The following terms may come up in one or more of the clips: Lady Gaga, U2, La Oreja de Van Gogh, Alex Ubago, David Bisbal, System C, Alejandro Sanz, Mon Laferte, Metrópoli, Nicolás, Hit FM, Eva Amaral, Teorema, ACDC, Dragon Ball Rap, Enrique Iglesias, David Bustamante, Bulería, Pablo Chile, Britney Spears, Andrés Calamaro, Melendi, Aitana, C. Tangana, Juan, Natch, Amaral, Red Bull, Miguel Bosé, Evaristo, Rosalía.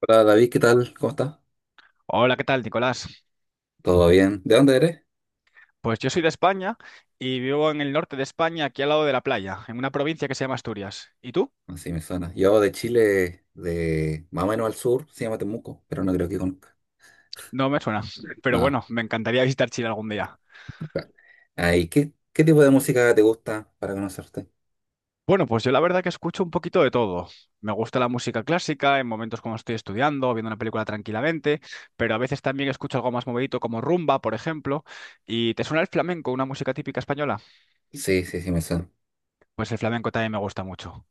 Hola David, ¿qué tal? ¿Cómo estás? Hola, ¿qué tal, Nicolás? ¿Todo bien? ¿De dónde eres? Pues yo soy de España y vivo en el norte de España, aquí al lado de la playa, en una provincia que se llama Asturias. ¿Y tú? Así me suena. Yo de Chile, de más o menos al sur, se llama Temuco, pero no creo que conozca No me suena, pero nada. bueno, me encantaría visitar Chile algún día. Ahí, ¿qué tipo de música te gusta para conocerte? Bueno, pues yo la verdad que escucho un poquito de todo. Me gusta la música clásica en momentos cuando estoy estudiando, viendo una película tranquilamente, pero a veces también escucho algo más movidito como rumba, por ejemplo. ¿Y te suena el flamenco, una música típica española? Sí, sí, sí, me suena. Pues el flamenco también me gusta mucho.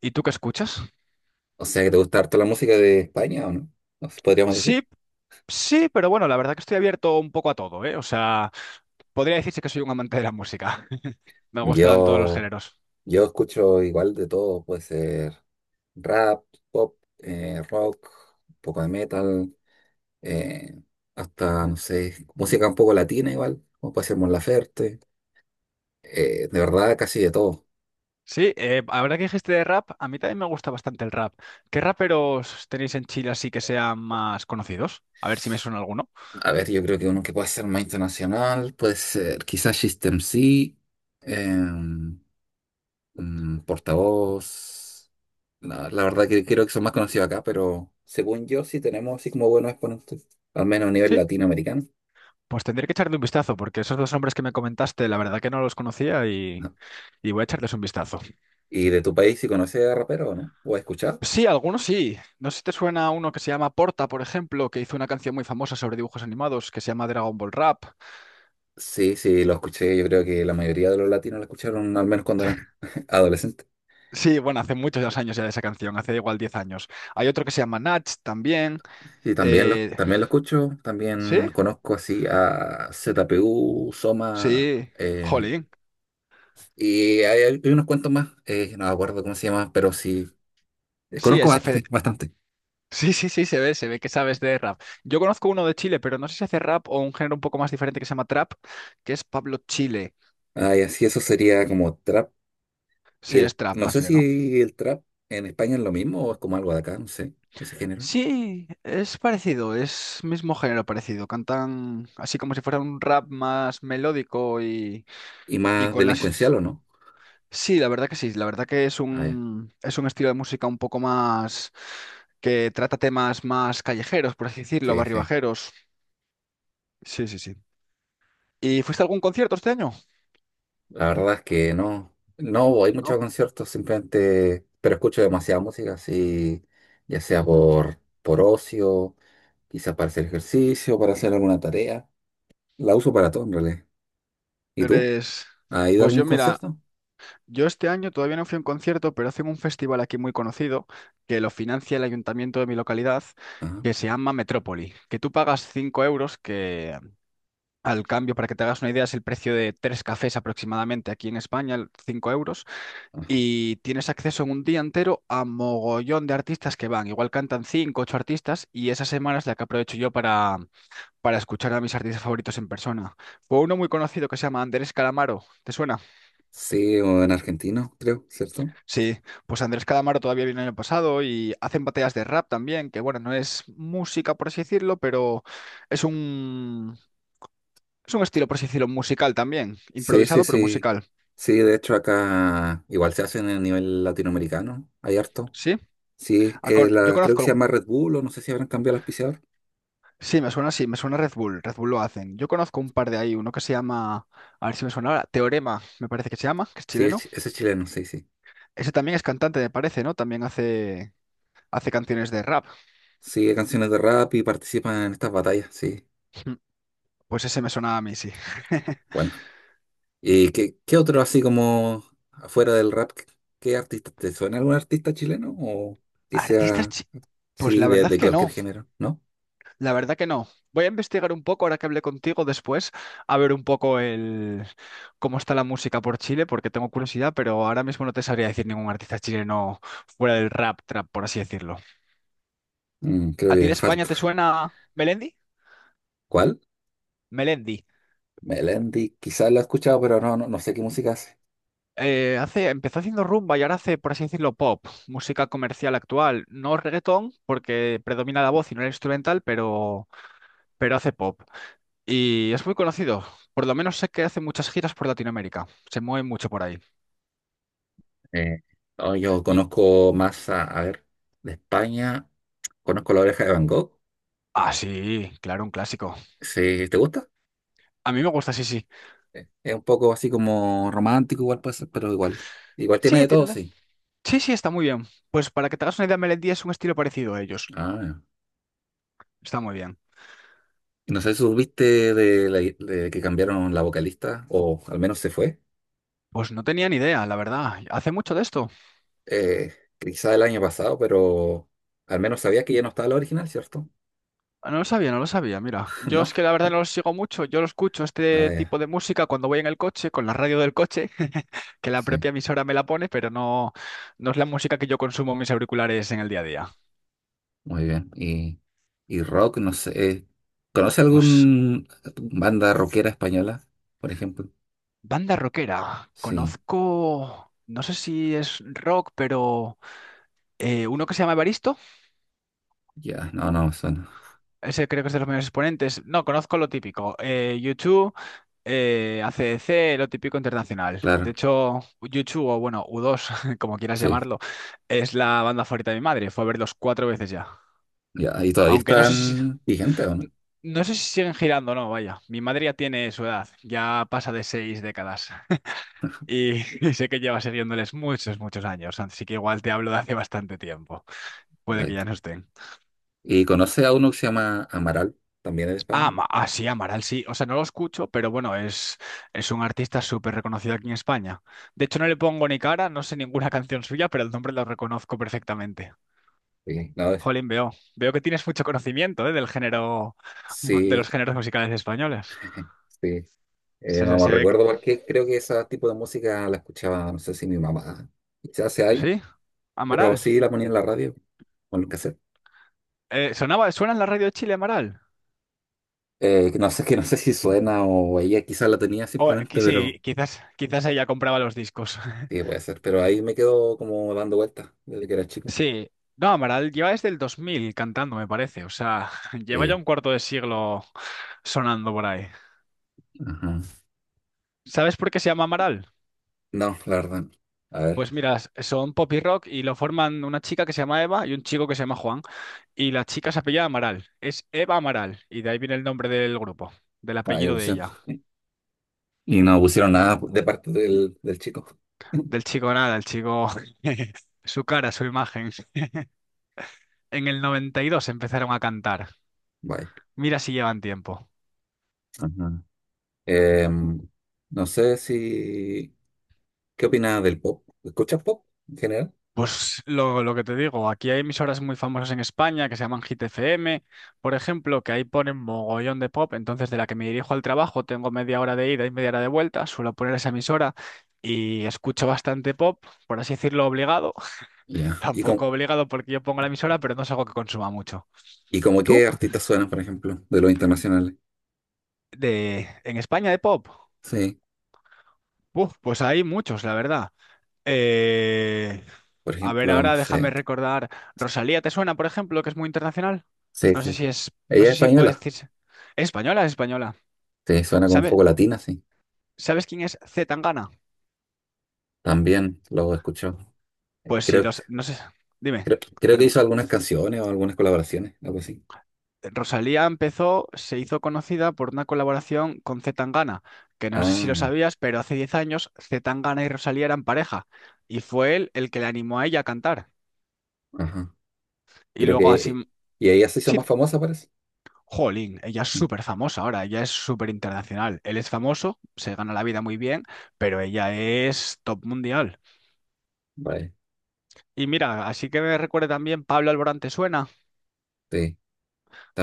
¿Y tú qué escuchas? O sea, que te gusta harto la música de España, ¿o no? Nos podríamos Sí, decir. sí, pero bueno, la verdad que estoy abierto un poco a todo, ¿eh? O sea, podría decirse que soy un amante de la música. Me gustan todos los Yo, géneros. yo escucho igual de todo, puede ser rap, pop, rock, un poco de metal, eh, hasta, no sé, música un poco latina igual, como puede ser Mon Laferte. De verdad, casi de todo. Sí, ahora que dijiste de rap, a mí también me gusta bastante el rap. ¿Qué raperos tenéis en Chile así que sean más conocidos? A ver si me suena alguno. A ver, yo creo que uno que puede ser más internacional puede ser quizás System C, em, portavoz. La verdad que creo que son más conocidos acá, pero según yo sí tenemos así como buenos exponentes, al menos a nivel Sí, latinoamericano. pues tendré que echarle un vistazo, porque esos dos hombres que me comentaste, la verdad que no los conocía y, ¿No? y voy a echarles un vistazo. ¿Y de tu país si conoces a rapero o no? ¿O has escuchado? Sí, algunos sí. No sé si te suena uno que se llama Porta, por ejemplo, que hizo una canción muy famosa sobre dibujos animados que se llama Dragon Ball Rap. Sí, sí, lo escuché. Yo creo que la mayoría de los latinos lo escucharon al menos cuando eran adolescentes. Sí, bueno, hace muchos años ya de esa canción, hace igual 10 años. Hay otro que se llama Natch también. Sí, también lo, eh, también lo escucho, ¿Sí? también conozco así a ZPU Soma, Sí, jolín. y hay unos cuantos más, no me acuerdo cómo se llama, pero sí, Sí, conozco bastante, bastante. sí, sí, sí, se ve que sabes de rap. Yo conozco uno de Chile, pero no sé si hace rap o un género un poco más diferente que se llama trap, que es Pablo Chile. Ah, y así eso sería como trap, y Sí, es el, trap, no más sé bien, ¿no? si el trap en España es lo mismo o es como algo de acá, no sé, ese género. Sí, es parecido, es mismo género parecido. Cantan así como si fuera un rap más melódico. Y Y más con las delincuencial o no. Sí, la verdad que sí, la verdad que Ah, ya, es un estilo de música un poco más que trata temas más callejeros, por así decirlo, sí, sí. barribajeros. Sí, sí, sí. ¿Y fuiste a algún concierto este año? La verdad es que no, no voy mucho a ¿No? conciertos, simplemente, pero escucho demasiada música, así, ya sea Mm. por ocio, quizás para hacer ejercicio, para hacer alguna tarea. La uso para todo en realidad. ¿Y tú? Eres... ¿Has ido a Pues algún yo, mira, concierto? yo este año todavía no fui a un concierto, pero hacen un festival aquí muy conocido que lo financia el ayuntamiento de mi localidad, Ajá, que se llama Metrópoli, que tú pagas 5 euros, que al cambio, para que te hagas una idea, es el precio de tres cafés aproximadamente aquí en España, 5 euros. ajá. Y tienes acceso en un día entero a mogollón de artistas que van. Igual cantan cinco, ocho artistas y esa semana es la que aprovecho yo para escuchar a mis artistas favoritos en persona. Fue uno muy conocido que se llama Andrés Calamaro. ¿Te suena? Sí, o en argentino, creo, ¿cierto? Sí, pues Andrés Calamaro todavía viene el año pasado y hacen batallas de rap también, que bueno, no es música por así decirlo, pero es un, es un estilo por así decirlo musical también. Sí, sí, Improvisado pero sí. musical. Sí, de hecho acá igual se hacen a nivel latinoamericano, hay harto. ¿Sí? Sí, A con- Yo la, creo que conozco se algún- llama Red Bull, o no sé si habrán cambiado el auspiciador. Sí, me suena. Sí, me suena Red Bull. Red Bull lo hacen. Yo conozco un par de ahí, uno que se llama, a ver si me suena ahora, Teorema, me parece que se llama, que es Sí, es chileno. chi- ese es chileno, sí, sí. Ese también es cantante, me parece, ¿no? También hace canciones de rap. Sí, canciones de rap y participan en estas batallas, sí. Mm, Pues ese me suena a mí, sí. Bueno, ¿y qué otro así como afuera del rap? ¿Qué, qué artista? ¿Te suena algún artista chileno? ¿O que ¿Artistas? sea, Pues sí, la verdad de que cualquier no, género? ¿No? la verdad que no. Voy a investigar un poco ahora que hablé contigo después, a ver un poco el cómo está la música por Chile, porque tengo curiosidad, pero ahora mismo no te sabría decir ningún artista chileno fuera del rap, trap, por así decirlo. Mm, creo ¿A ti de que España falta. te suena Melendi? ¿Cuál? Melendi. Melendi, quizás lo he escuchado, pero no, no, no sé qué música hace. Empezó haciendo rumba y ahora hace, por así decirlo, pop, música comercial actual. No reggaetón, porque predomina la voz y no el instrumental, pero hace pop. Y es muy conocido. Por lo menos sé que hace muchas giras por Latinoamérica. Se mueve mucho por ahí. Eh, no, yo Y. conozco más a ver, de España, conozco La Oreja de Van Gogh. Ah, sí, claro, un clásico. Sí, ¿te gusta? A mí me gusta, sí, sí. Es un poco así como romántico, igual puede ser, pero igual. Igual tiene Sí, de todo, sí. sí, sí, está muy bien. Pues para que te hagas una idea, Melendi es un estilo parecido a ellos. Ah, Está muy bien. y no sé si supiste de, la- de que cambiaron la vocalista, o al menos se fue, Pues no tenía ni idea, la verdad. ¿Hace mucho de esto? Quizá el año pasado, pero al menos sabías que ya no estaba la original, ¿cierto? Ah, no lo sabía, no lo sabía, mira. Yo es que ¿No? la verdad no lo sigo mucho, yo lo escucho Ah, este ya. tipo de música cuando voy en el coche, con la radio del coche, que la Sí, propia emisora me la pone, pero no, no es la música que yo consumo en mis auriculares en el día a día. muy bien. Y rock, no sé, ¿conoce Pues algún banda rockera española, por ejemplo? banda rockera, Sí, conozco, no sé si es rock, pero uno que se llama Evaristo. ya, no, no, suena. Ese creo que es de los mayores exponentes. No, conozco lo típico. U2, AC/DC, lo típico internacional. De Claro, hecho, YouTube o bueno, U2, como quieras sí, llamarlo, es la banda favorita de mi madre. Fue a verlos cuatro veces ya. ya. ¿Y todavía Aunque no sé si, están vigentes o no? no sé si siguen girando o no, vaya. Mi madre ya tiene su edad, ya pasa de 6 décadas. Y, y sé que lleva siguiéndoles muchos, muchos años. Así que igual te hablo de hace bastante tiempo. Puede que Vale. ya no estén. ¿Y conoce a uno que se llama Amaral, también es de Ah, España? Sí, Amaral sí. O sea, no lo escucho, pero bueno, es un artista súper reconocido aquí en España. De hecho, no le pongo ni cara, no sé ninguna canción suya, pero el nombre lo reconozco perfectamente. Sí, no, es- Jolín, veo. Veo que tienes mucho conocimiento, ¿eh? Del género, de sí, los géneros musicales españoles. sí. Se, No, se- no se ve que... recuerdo por qué, creo que ese tipo de música la escuchaba, no sé si mi mamá, quizás hace años, Sí, pero Amaral. sí la ponía en la radio, o en el cassette. ¿Suena en la radio de Chile, Amaral? Que no sé, que no sé si suena o ella quizás la tenía simplemente, pero Sí, quizás, quizás ella compraba los discos. sí, puede ser, pero ahí me quedo como dando vueltas desde que era chico. Sí, no, Amaral lleva desde el 2000 cantando, me parece. O sea, lleva ya Sí, un cuarto de siglo sonando por ahí. ajá. ¿Sabes por qué se llama Amaral? No, la verdad, no. A Pues ver, mira, son pop y rock y lo forman una chica que se llama Eva y un chico que se llama Juan. Y la chica se apellida Amaral. Es Eva Amaral. Y de ahí viene el nombre del grupo, del ahí apellido de pusieron. ella. Y no pusieron nada de parte del, del chico. Del chico nada, el chico, su cara, su imagen. En el 92 empezaron a cantar. Vaya. Mira si llevan tiempo. Ajá. Em, no sé si… ¿Qué opinas del pop? ¿Escuchas pop en general? Pues lo que te digo, aquí hay emisoras muy famosas en España que se llaman Hit FM, por ejemplo, que ahí ponen mogollón de pop, entonces de la que me dirijo al trabajo tengo media hora de ida y media hora de vuelta, suelo poner esa emisora y escucho bastante pop, por así decirlo, obligado, Ya. Tampoco obligado porque yo pongo la emisora, pero no es algo que consuma mucho. ¿Y como ¿Tú? qué artistas suenan, por ejemplo, de los internacionales? En España de pop, Sí. uf, pues hay muchos, la verdad. Eh, Por a ver, ejemplo, no ahora déjame sé. recordar. Rosalía, ¿te suena, por ejemplo, que es muy internacional? Sí, sí, sí. No Ella es sé si puede española. decirse. ¿Es española? Es española. Sí, suena como un ¿Sabes, poco latina, sí. sabes quién es C. Tangana? También lo he escuchado. Eh, Pues sí, Creo, no sé. Dime, Creo que perdón. hizo algunas canciones o algunas colaboraciones, algo así. Rosalía empezó, se hizo conocida por una colaboración con C. Tangana, que no sé si lo Ah, sabías, pero hace 10 años C. Tangana y Rosalía eran pareja, y fue él el que le animó a ella a cantar. ajá. Y Creo luego así, que. Y ella se hizo sí, más famosa, parece. jolín, ella es Sí. súper famosa ahora, ella es súper internacional. Él es famoso, se gana la vida muy bien, pero ella es top mundial. Vale. Y mira, así que me recuerda también Pablo Alborán, ¿te suena? Sí.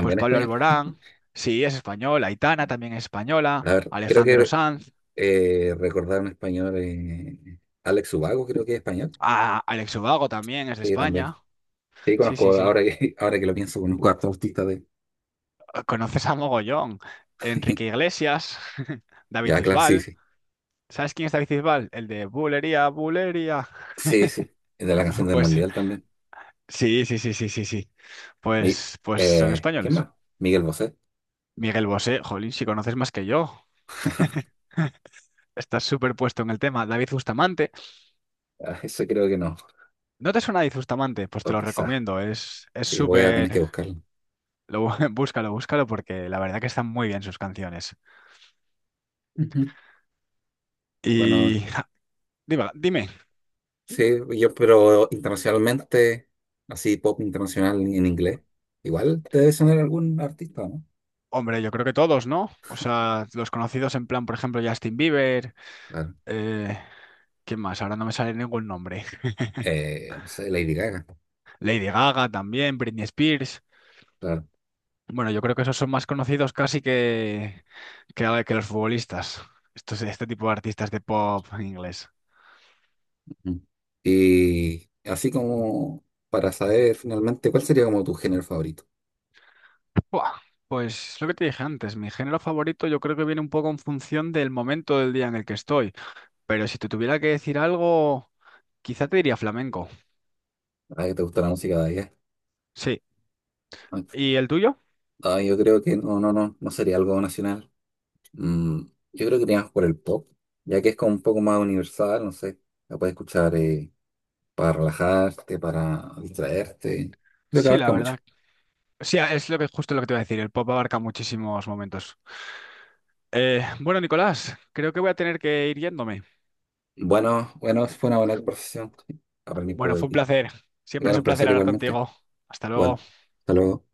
Pues Pablo español. Alborán, sí, es español, Aitana también es española, A ver, creo Alejandro que Sanz, recordar un español. Alex Ubago, creo que es español. Alex Ubago también es de Sí, también. España. Sí, Sí, sí, conozco, sí. ahora que, ahora que lo pienso, conozco a hartos artistas de… Conoces a mogollón, Enrique Iglesias, David Ya, claro, sí, Bisbal. sí. ¿Sabes quién es David Bisbal? El de Bulería, Bulería. Sí, sí. De la canción del Pues Mundial también. sí, sí, sí, sí, sí, sí. Mi, Pues son ¿Quién españoles. más? Miguel Bosé. Miguel Bosé, jolín, si conoces más que yo. Estás súper puesto en el tema. David Bustamante. Ah, eso creo que no. ¿No te suena David Bustamante? Pues te O lo quizás. recomiendo. Es Sí, voy a tener que súper. buscarlo. Búscalo, búscalo porque la verdad que están muy bien sus canciones. Ujú. Bueno, Y dime, dime. sí, yo, pero internacionalmente, así pop internacional en inglés. Igual te debe sonar algún artista, ¿no? Hombre, yo creo que todos, ¿no? O sea, los conocidos en plan, por ejemplo, Justin Bieber. Claro. eh, ¿Quién más? Ahora no me sale ningún nombre. No sé, Lady Gaga. Lady Gaga también, Britney Spears. Claro. Bueno, yo creo que esos son más conocidos casi que los futbolistas. Este tipo de artistas de pop inglés. Mm. Y así como para saber finalmente cuál sería como tu género favorito. Buah, pues lo que te dije antes, mi género favorito yo creo que viene un poco en función del momento del día en el que estoy. Pero si te tuviera que decir algo, quizá te diría flamenco. Ah, que te gusta la música de allá. Sí. Ah, ¿Y el tuyo? ah, yo creo que no, no, no, no sería algo nacional. Mm, yo creo que iríamos por el pop, ya que es como un poco más universal, no sé. La puedes escuchar para relajarte, para distraerte. Creo que Sí, la abarca mucho. verdad. Sí, es lo que justo lo que te iba a decir. El pop abarca muchísimos momentos. Bueno, Nicolás, creo que voy a tener que ir yéndome. Bueno, bueno, fue una buena conversación. Aprendí un poco Bueno, de fue un ti. placer. Siempre Igual es un un placer placer hablar igualmente. contigo. Hasta luego. Igual. Hasta luego.